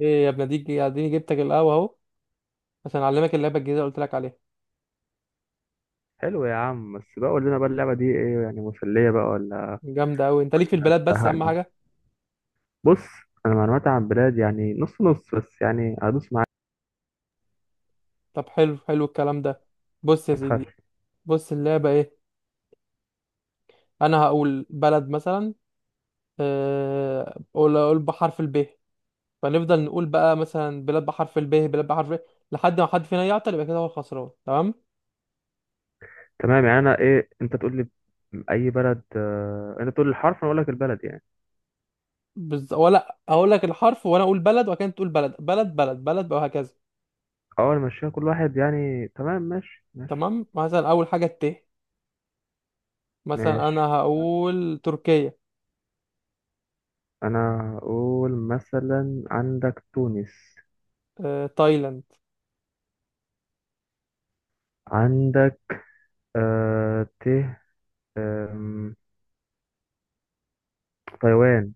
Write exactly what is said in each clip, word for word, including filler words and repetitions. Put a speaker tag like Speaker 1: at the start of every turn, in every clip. Speaker 1: ايه يا ابني ديك، اديني جبتك القهوه اهو. عشان اعلمك اللعبه الجديده اللي قلت لك عليها.
Speaker 2: حلو يا عم، بس بقى قول لنا بقى اللعبة دي ايه، يعني مسلية بقى ولا
Speaker 1: جامده قوي، انت ليك في
Speaker 2: ولا
Speaker 1: البلاد، بس اهم
Speaker 2: زهقنا؟
Speaker 1: حاجه.
Speaker 2: بص، انا معلوماتي عن بلاد يعني نص نص، بس يعني هدوس معاك.
Speaker 1: طب حلو حلو الكلام ده. بص يا
Speaker 2: ما
Speaker 1: سيدي.
Speaker 2: تخافش.
Speaker 1: بص اللعبه ايه؟ انا هقول بلد مثلا. آه، اقول اقول بحرف الب. فنفضل نقول بقى مثلا بلاد بحرف الب، بلاد بحرف ال، لحد ما حد فينا يعطل يبقى كده هو الخسران، تمام؟
Speaker 2: تمام، يعني انا ايه، انت تقول لي اي بلد، آه، انت تقول لي الحرف انا اقول لك البلد يعني.
Speaker 1: بز... ولا اقول لك الحرف وانا اقول بلد، وكانت تقول بلد بلد بلد بلد بقى، وهكذا.
Speaker 2: اول ماشيها كل واحد يعني، تمام، ماشي ماشي
Speaker 1: تمام، مثلا اول حاجه الت مثلا انا
Speaker 2: ماشي.
Speaker 1: هقول تركيا.
Speaker 2: انا اقول مثلا عندك تونس،
Speaker 1: آه، تايلاند.
Speaker 2: عندك، آه ت آم، تايوان.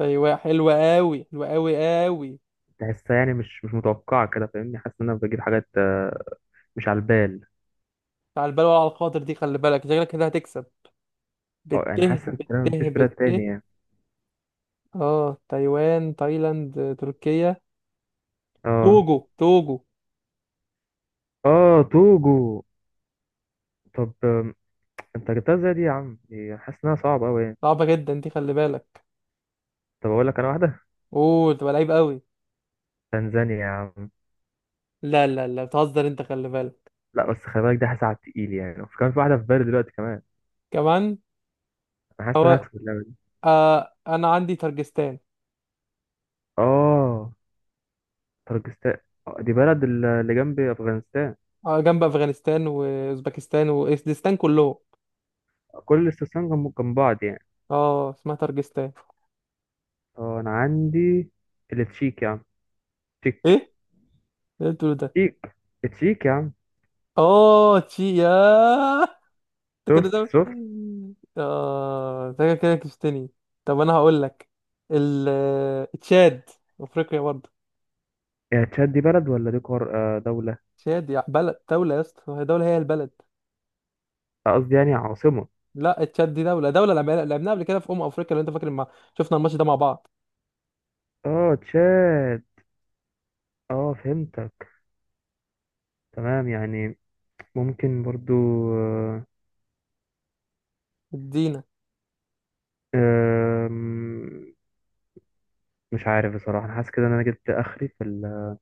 Speaker 1: ايوه، حلوه قوي، حلوه قوي. قوي.
Speaker 2: تحسها يعني مش مش متوقعة كده، فاهمني، حاسس ان انا بجيب حاجات، آه، مش على البال.
Speaker 1: على البال وعلى الخاطر، دي خلي بالك شكلك كده هتكسب.
Speaker 2: اه يعني
Speaker 1: بته
Speaker 2: حاسس ان تقريباً
Speaker 1: بته
Speaker 2: مفيش بلاد
Speaker 1: بته
Speaker 2: تاني يعني،
Speaker 1: اه، تايوان، تايلاند، آه، تركيا.
Speaker 2: اه
Speaker 1: توجو توجو.
Speaker 2: اه توجو. طب، آم، انت جبتها ازاي دي يا عم؟ دي حاسس انها صعبة اوي يعني.
Speaker 1: صعبه جدا دي، خلي بالك.
Speaker 2: طب اقول لك انا واحدة:
Speaker 1: اوه، تبقى لعيب قوي.
Speaker 2: تنزانيا يا عم.
Speaker 1: لا لا لا، بتهزر انت، خلي بالك.
Speaker 2: لا بس خلي بالك دي، حاسس على التقيل يعني، وفي كمان في واحدة في بالي دلوقتي كمان.
Speaker 1: كمان.
Speaker 2: انا حاسس ان انا
Speaker 1: هو.
Speaker 2: هكسب اللعبة دي.
Speaker 1: آه انا عندي ترجستان.
Speaker 2: اه طرجستان. آه، دي بلد ال- اللي جنب افغانستان.
Speaker 1: آه جنب افغانستان واوزبكستان واسدستان كلهم.
Speaker 2: كل الاستسلام جنب جنب بعض يعني.
Speaker 1: اه، اسمها ترجستان.
Speaker 2: اه انا عندي التشيك يا عم،
Speaker 1: ايه
Speaker 2: تشيك
Speaker 1: إيه اللي إنت بتقوله ده؟
Speaker 2: تشيك، التشيك يا عم،
Speaker 1: اه، تشي يا انت كده
Speaker 2: شفت
Speaker 1: ده.
Speaker 2: شفت.
Speaker 1: اه، انت كده كده كشتني. طب انا هقول لك ال تشاد. افريقيا برضه.
Speaker 2: يا تشاد، دي بلد ولا دي قار، آه، دولة؟
Speaker 1: تشاد يا بلد دولة، يا اسطى هي دولة، هي البلد.
Speaker 2: قصدي يعني عاصمة.
Speaker 1: لا، تشاد دي دولة دولة، لعبنا- لعبناها قبل كده في أمم أفريقيا لو أنت فاكر، ما شفنا الماتش ده مع بعض.
Speaker 2: اه تشاد. اه فهمتك، تمام يعني، ممكن برضو. آه،
Speaker 1: ادينا.
Speaker 2: آم، مش عارف بصراحة، أنا حاسس كده إن أنا جبت آخري في ال-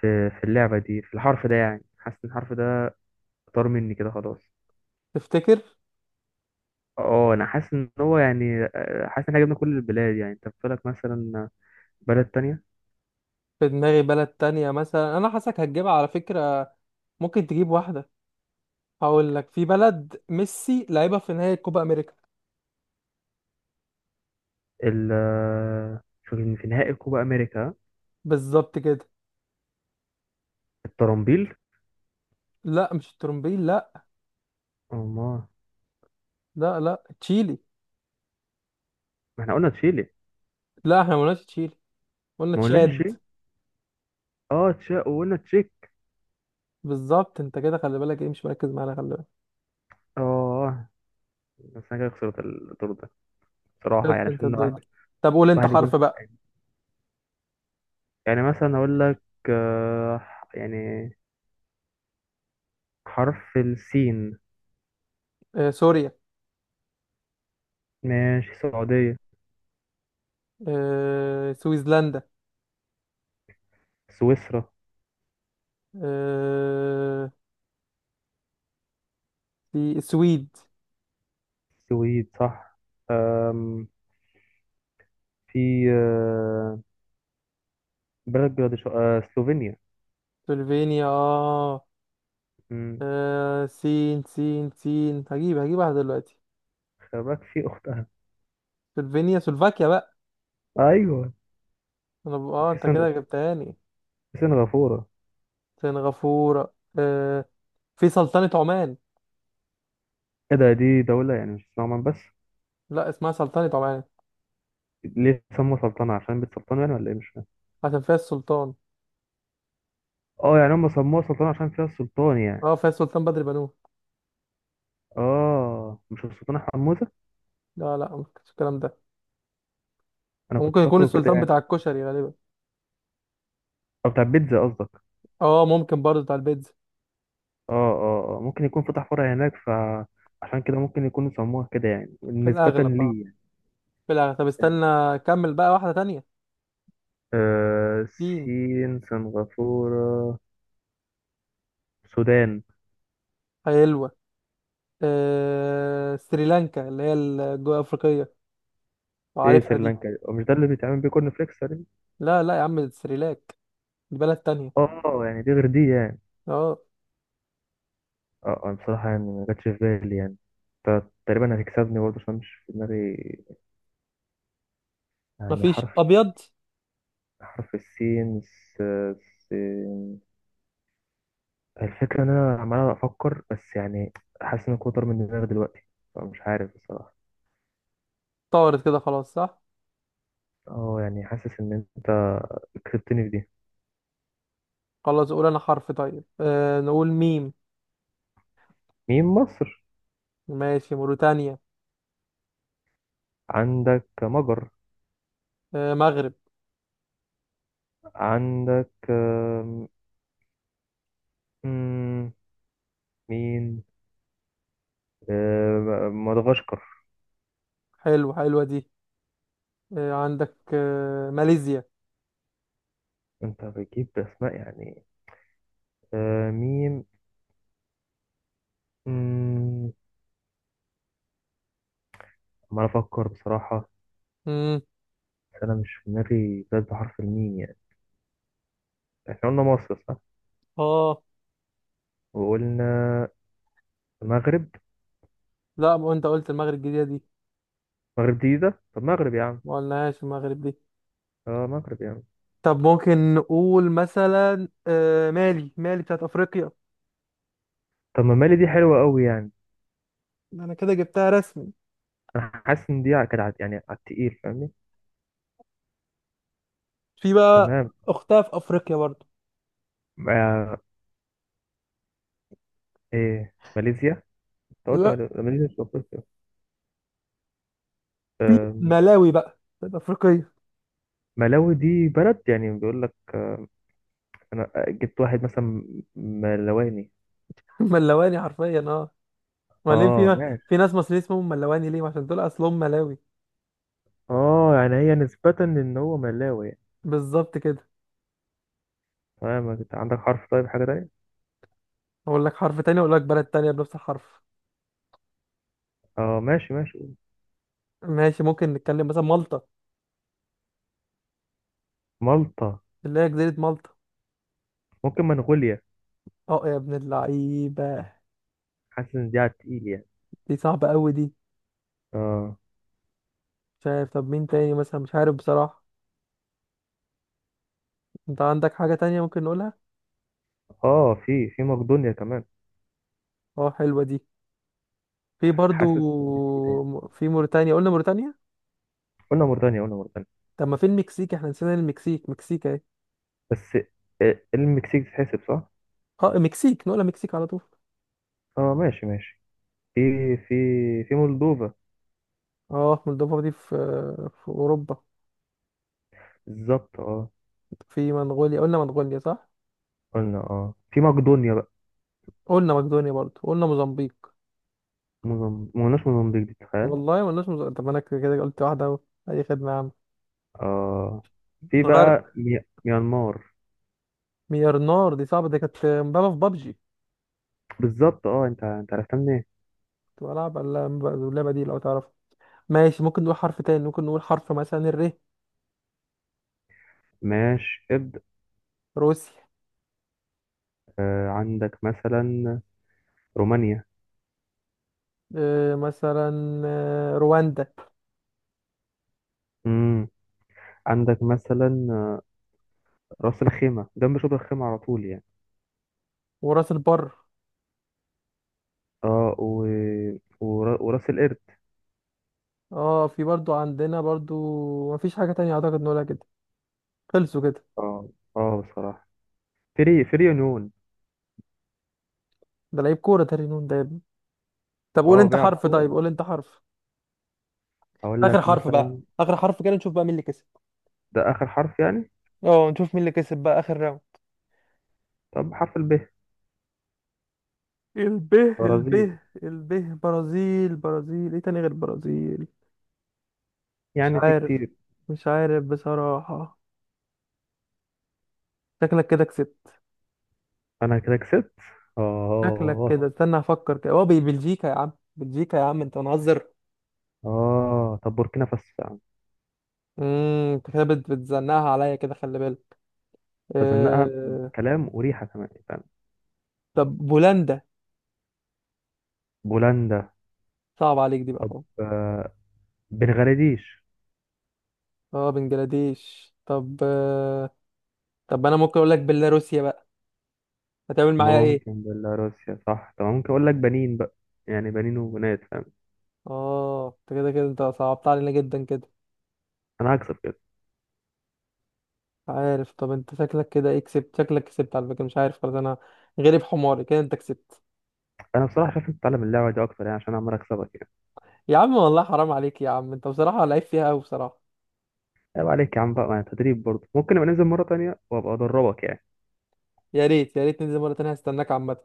Speaker 2: في في اللعبة دي، في الحرف ده يعني، حاسس إن الحرف ده طار مني كده خلاص.
Speaker 1: تفتكر؟
Speaker 2: اه أنا حاسس إن هو يعني، آه، حاسس إن إحنا جبنا كل البلاد يعني، أنت بتقولك مثلا بلد تانية.
Speaker 1: في دماغي بلد تانية، مثلا أنا حاسك هتجيبها على فكرة. ممكن تجيب واحدة. هقول لك في بلد ميسي لعبها في نهائي كوبا أمريكا.
Speaker 2: ال آه، شوف إن في نهائي كوبا أمريكا
Speaker 1: بالظبط كده.
Speaker 2: الطرنبيل.
Speaker 1: لا، مش الترومبيل، لا.
Speaker 2: أمال؟
Speaker 1: لا لا، تشيلي.
Speaker 2: ما إحنا قلنا تشيلي.
Speaker 1: لا، احنا ما قلناش. قلنا
Speaker 2: ما قلناش
Speaker 1: تشاد.
Speaker 2: تشيلي. اه تشا وقلنا تشيك.
Speaker 1: بالظبط، انت كده خلي بالك ايه؟ مش مركز معانا، خلي بالك.
Speaker 2: اه بس انا كده خسرت الدور ده بصراحة،
Speaker 1: خلصت
Speaker 2: يعني
Speaker 1: انت
Speaker 2: عشان
Speaker 1: الدور
Speaker 2: واحد
Speaker 1: ده. طب قول انت
Speaker 2: واحد يكون،
Speaker 1: حرف بقى.
Speaker 2: يعني مثلا اقول لك، آه، يعني حرف السين.
Speaker 1: آه سوريا.
Speaker 2: ماشي السعودية،
Speaker 1: آه سويسلندا.
Speaker 2: سويسرا،
Speaker 1: آه في السويد.
Speaker 2: السويد صح. آم، في، آه، بلد بلاد سلوفينيا.
Speaker 1: سلوفينيا اه.
Speaker 2: مم،
Speaker 1: آه، سين سين سين، هجيب هجيب واحدة دلوقتي.
Speaker 2: خلي بالك في اختها،
Speaker 1: سلوفينيا، سلوفاكيا بقى.
Speaker 2: ايوه.
Speaker 1: انا ب... اه،
Speaker 2: وفي
Speaker 1: انت
Speaker 2: سن-
Speaker 1: كده جبتهاني.
Speaker 2: في سنغافورة.
Speaker 1: سنغافورة آه. في سلطنة عمان.
Speaker 2: ايه ده؟ دي دولة يعني، مش اسمها عمان بس؟
Speaker 1: لا، اسمها سلطنة عمان.
Speaker 2: ليه سموها سلطنة؟ عشان بيت سلطان يعني ولا ايه؟ مش فاهم.
Speaker 1: عشان فيها السلطان.
Speaker 2: اه يعني هم سموها سلطنة عشان فيها السلطان يعني.
Speaker 1: اه، فيها السلطان بدر بنوه.
Speaker 2: اه مش السلطان حموزة؟
Speaker 1: لا لا، ما كانش الكلام ده.
Speaker 2: انا كنت
Speaker 1: ممكن يكون
Speaker 2: فاكره كده
Speaker 1: السلطان
Speaker 2: يعني.
Speaker 1: بتاع الكشري غالبا.
Speaker 2: او بتاع بيتزا قصدك؟
Speaker 1: اه، ممكن برضه بتاع البيتزا.
Speaker 2: اه اه، آه، ممكن يكون فتح فرع هناك فعشان كده ممكن يكونوا سموها كده يعني
Speaker 1: في
Speaker 2: نسبة
Speaker 1: الاغلب اه.
Speaker 2: لي يعني.
Speaker 1: في الاغلب، طب استنى. كمل بقى واحده تانية.
Speaker 2: آه
Speaker 1: فين؟
Speaker 2: سين، سنغافورة، السودان.
Speaker 1: حلوه. آه... سريلانكا، اللي هي الجنوب افريقيه.
Speaker 2: ايه
Speaker 1: وعارفها دي.
Speaker 2: سريلانكا، هو مش ده اللي بيتعمل بيه كورن فليكس تقريبا؟
Speaker 1: لا لا يا عم، دي سريلاك. دي بلد تانية.
Speaker 2: اه يعني دي غير دي يعني.
Speaker 1: اه.
Speaker 2: اه انا بصراحة يعني ما جاتش في بالي يعني. ت- تقريبا هتكسبني برضه عشان مش في دماغي يعني،
Speaker 1: مفيش
Speaker 2: حرف
Speaker 1: ابيض.
Speaker 2: حرف السين. س... س... الفكرة إن أنا عمال أفكر بس يعني، حاسس إن كتر من دماغي دلوقتي، فمش عارف بصراحة.
Speaker 1: طارت كده خلاص، صح؟
Speaker 2: أه يعني حاسس إن أنت كسبتني في دي.
Speaker 1: خلاص، قول انا حرف طيب، آه... نقول ميم.
Speaker 2: مين مصر؟
Speaker 1: ماشي موريتانيا.
Speaker 2: عندك مجر،
Speaker 1: آه... مغرب.
Speaker 2: عندك آم، مم، مين، آم، مدغشقر.
Speaker 1: حلو، حلوه دي. آه... عندك آه... ماليزيا.
Speaker 2: أنت بتجيب أسماء يعني. آم، ميم. مم، عمال أفكر بصراحة،
Speaker 1: مم.
Speaker 2: بس أنا مش في دماغي بلد بحرف الميم يعني. إحنا قلنا مصر صح،
Speaker 1: اه.
Speaker 2: وقلنا المغرب.
Speaker 1: لا، ما انت قلت المغرب الجديده دي.
Speaker 2: المغرب دي ده، طب المغرب يا عم.
Speaker 1: ما قلناهاش المغرب دي.
Speaker 2: اه مغرب يعني.
Speaker 1: طب ممكن نقول مثلا آه، مالي، مالي بتاعت افريقيا.
Speaker 2: طب ما مالي دي حلوة قوي يعني.
Speaker 1: انا كده جبتها رسمي.
Speaker 2: انا حاسس ان دي ع- كانت ع- يعني على التقيل، فاهمني.
Speaker 1: في بقى.
Speaker 2: تمام.
Speaker 1: اختها في افريقيا برضو.
Speaker 2: ما ايه ماليزيا، انت قلت
Speaker 1: لا.
Speaker 2: مال- ماليزيا مش في افريقيا؟ آم،
Speaker 1: ملاوي بقى بتاعت افريقيا.
Speaker 2: ملاوي دي بلد يعني، بيقول لك انا، آه، جبت واحد مثلا ملاواني.
Speaker 1: ملواني حرفيا اه. وبعدين
Speaker 2: اه
Speaker 1: في.
Speaker 2: ماشي.
Speaker 1: في ناس مصريين اسمهم ملواني ليه؟ عشان دول اصلهم ملاوي.
Speaker 2: اه يعني هي نسبة ان هو ملاوي يعني.
Speaker 1: بالظبط كده.
Speaker 2: تمام، انت عندك حرف، طيب حاجة تانية؟
Speaker 1: اقول لك حرف تاني، اقول لك بلد تانية بنفس الحرف.
Speaker 2: اه ماشي ماشي.
Speaker 1: ماشي، ممكن نتكلم مثلا مالطا.
Speaker 2: مالطا.
Speaker 1: اللي هي جزيرة مالطا.
Speaker 2: ممكن منغوليا.
Speaker 1: اه يا ابن اللعيبة.
Speaker 2: حاسس ان دي على التقيل يعني.
Speaker 1: دي صعبة قوي دي.
Speaker 2: اه
Speaker 1: مش عارف، طب مين تاني مثلا؟ مش عارف بصراحة. انت عندك حاجة تانية ممكن نقولها.
Speaker 2: اه في في مقدونيا كمان.
Speaker 1: اه، حلوة دي. في برضو.
Speaker 2: حاسس ان دي تقيلة يعني.
Speaker 1: م- في موريتانيا، قلنا موريتانيا.
Speaker 2: قلنا موريتانيا، قلنا موريتانيا.
Speaker 1: طب ما في المكسيك، احنا نسينا المكسيك، مكسيك اهي.
Speaker 2: بس، آه، المكسيك تتحسب صح؟
Speaker 1: اه، المكسيك نقولها مكسيك على طول.
Speaker 2: اه ماشي ماشي، في في في مولدوفا.
Speaker 1: اه، مولدوفا دي في، في اوروبا.
Speaker 2: بالظبط اه.
Speaker 1: في منغوليا، قلنا منغوليا صح.
Speaker 2: قلنا اه، في مقدونيا بقى.
Speaker 1: قلنا مقدونيا برضو، قلنا موزمبيق.
Speaker 2: موزم- ما قلناش موزمبيق دي، تخيل.
Speaker 1: والله ما قلناش موزمبيق، طب ما انا كده كده قلت واحدة اهو. اي خدمة يا عم.
Speaker 2: اه في
Speaker 1: نغير.
Speaker 2: بقى مي- ميانمار.
Speaker 1: ميرنار دي صعبة، دي كانت مبابا في بابجي.
Speaker 2: بالظبط اه، انت انت عرفتها منين؟
Speaker 1: كنت بلعب على اللعبة دي لو تعرف. ماشي، ممكن نقول حرف تاني، ممكن نقول حرف مثلا الر.
Speaker 2: ماشي ابدأ.
Speaker 1: روسيا.
Speaker 2: آه عندك مثلا رومانيا.
Speaker 1: آه، مثلا آه، رواندا.
Speaker 2: امم عندك مثلا، آه، راس الخيمة جنب شبرا الخيمة على طول يعني.
Speaker 1: وراس البر.
Speaker 2: اه، و... ور... وراس القرد.
Speaker 1: اه، في برضو عندنا برضو. مفيش حاجة تانية اعتقد نقولها كده. خلصوا كده.
Speaker 2: اه اه بصراحة، فري فري يونيون.
Speaker 1: ده لعيب كورة تاني، نون ده يا ابني. طب قول
Speaker 2: اه
Speaker 1: انت
Speaker 2: بيلعب
Speaker 1: حرف
Speaker 2: كورة.
Speaker 1: طيب، قول انت حرف.
Speaker 2: أقول
Speaker 1: اخر
Speaker 2: لك
Speaker 1: حرف بقى،
Speaker 2: مثلا،
Speaker 1: اخر حرف كده، نشوف بقى مين اللي كسب.
Speaker 2: ده آخر حرف يعني.
Speaker 1: اه، نشوف مين اللي كسب بقى، اخر راوند.
Speaker 2: طب حرف الب،
Speaker 1: الب، الب،
Speaker 2: برازيل.
Speaker 1: الب. برازيل، برازيل، ايه تاني غير برازيل؟ مش
Speaker 2: يعني في
Speaker 1: عارف.
Speaker 2: كتير.
Speaker 1: مش عارف بصراحة. شكلك كده كسبت.
Speaker 2: أنا كده كسبت.
Speaker 1: شكلك
Speaker 2: آه،
Speaker 1: كده، استنى افكر كده، هو بي- بلجيكا يا عم، بلجيكا يا عم، انت منهزر.
Speaker 2: آه طب بوركينا فاسو يا عم.
Speaker 1: امم انت كده بت- بتزنقها عليا كده، خلي بالك.
Speaker 2: بزنقها،
Speaker 1: آه...
Speaker 2: كلام وريحة كمان فاهم.
Speaker 1: طب بولندا.
Speaker 2: بولندا.
Speaker 1: صعب عليك دي بقى
Speaker 2: طب،
Speaker 1: خالص.
Speaker 2: آه بنغلاديش.
Speaker 1: اه، بنجلاديش، طب آه... طب انا ممكن اقول لك بيلاروسيا بقى. هتعمل معايا ايه؟
Speaker 2: ممكن بيلاروسيا صح، طب ممكن أقول لك بنين بقى، يعني بنين وبنات فاهم.
Speaker 1: اه، انت كده كده انت صعبت علينا جدا كده.
Speaker 2: أنا هكسب كده.
Speaker 1: مش عارف، طب انت شكلك كده ايه؟ كسبت، شكلك كسبت على فكره. مش عارف، خلاص انا، غريب حماري كده، انت كسبت.
Speaker 2: أنا بصراحة شايف أنت تتعلم اللعبة دي أكتر يعني، عشان أنا عمال أكسبك يعني.
Speaker 1: يا عم والله حرام عليك يا عم، انت بصراحه لعيب فيها قوي بصراحه.
Speaker 2: عيب عليك يا عم بقى، ما أنا تدريب برضه، ممكن نبقى ننزل مرة تانية وأبقى أدربك يعني.
Speaker 1: يا ريت، يا ريت ننزل مره تانية، هستناك عامه.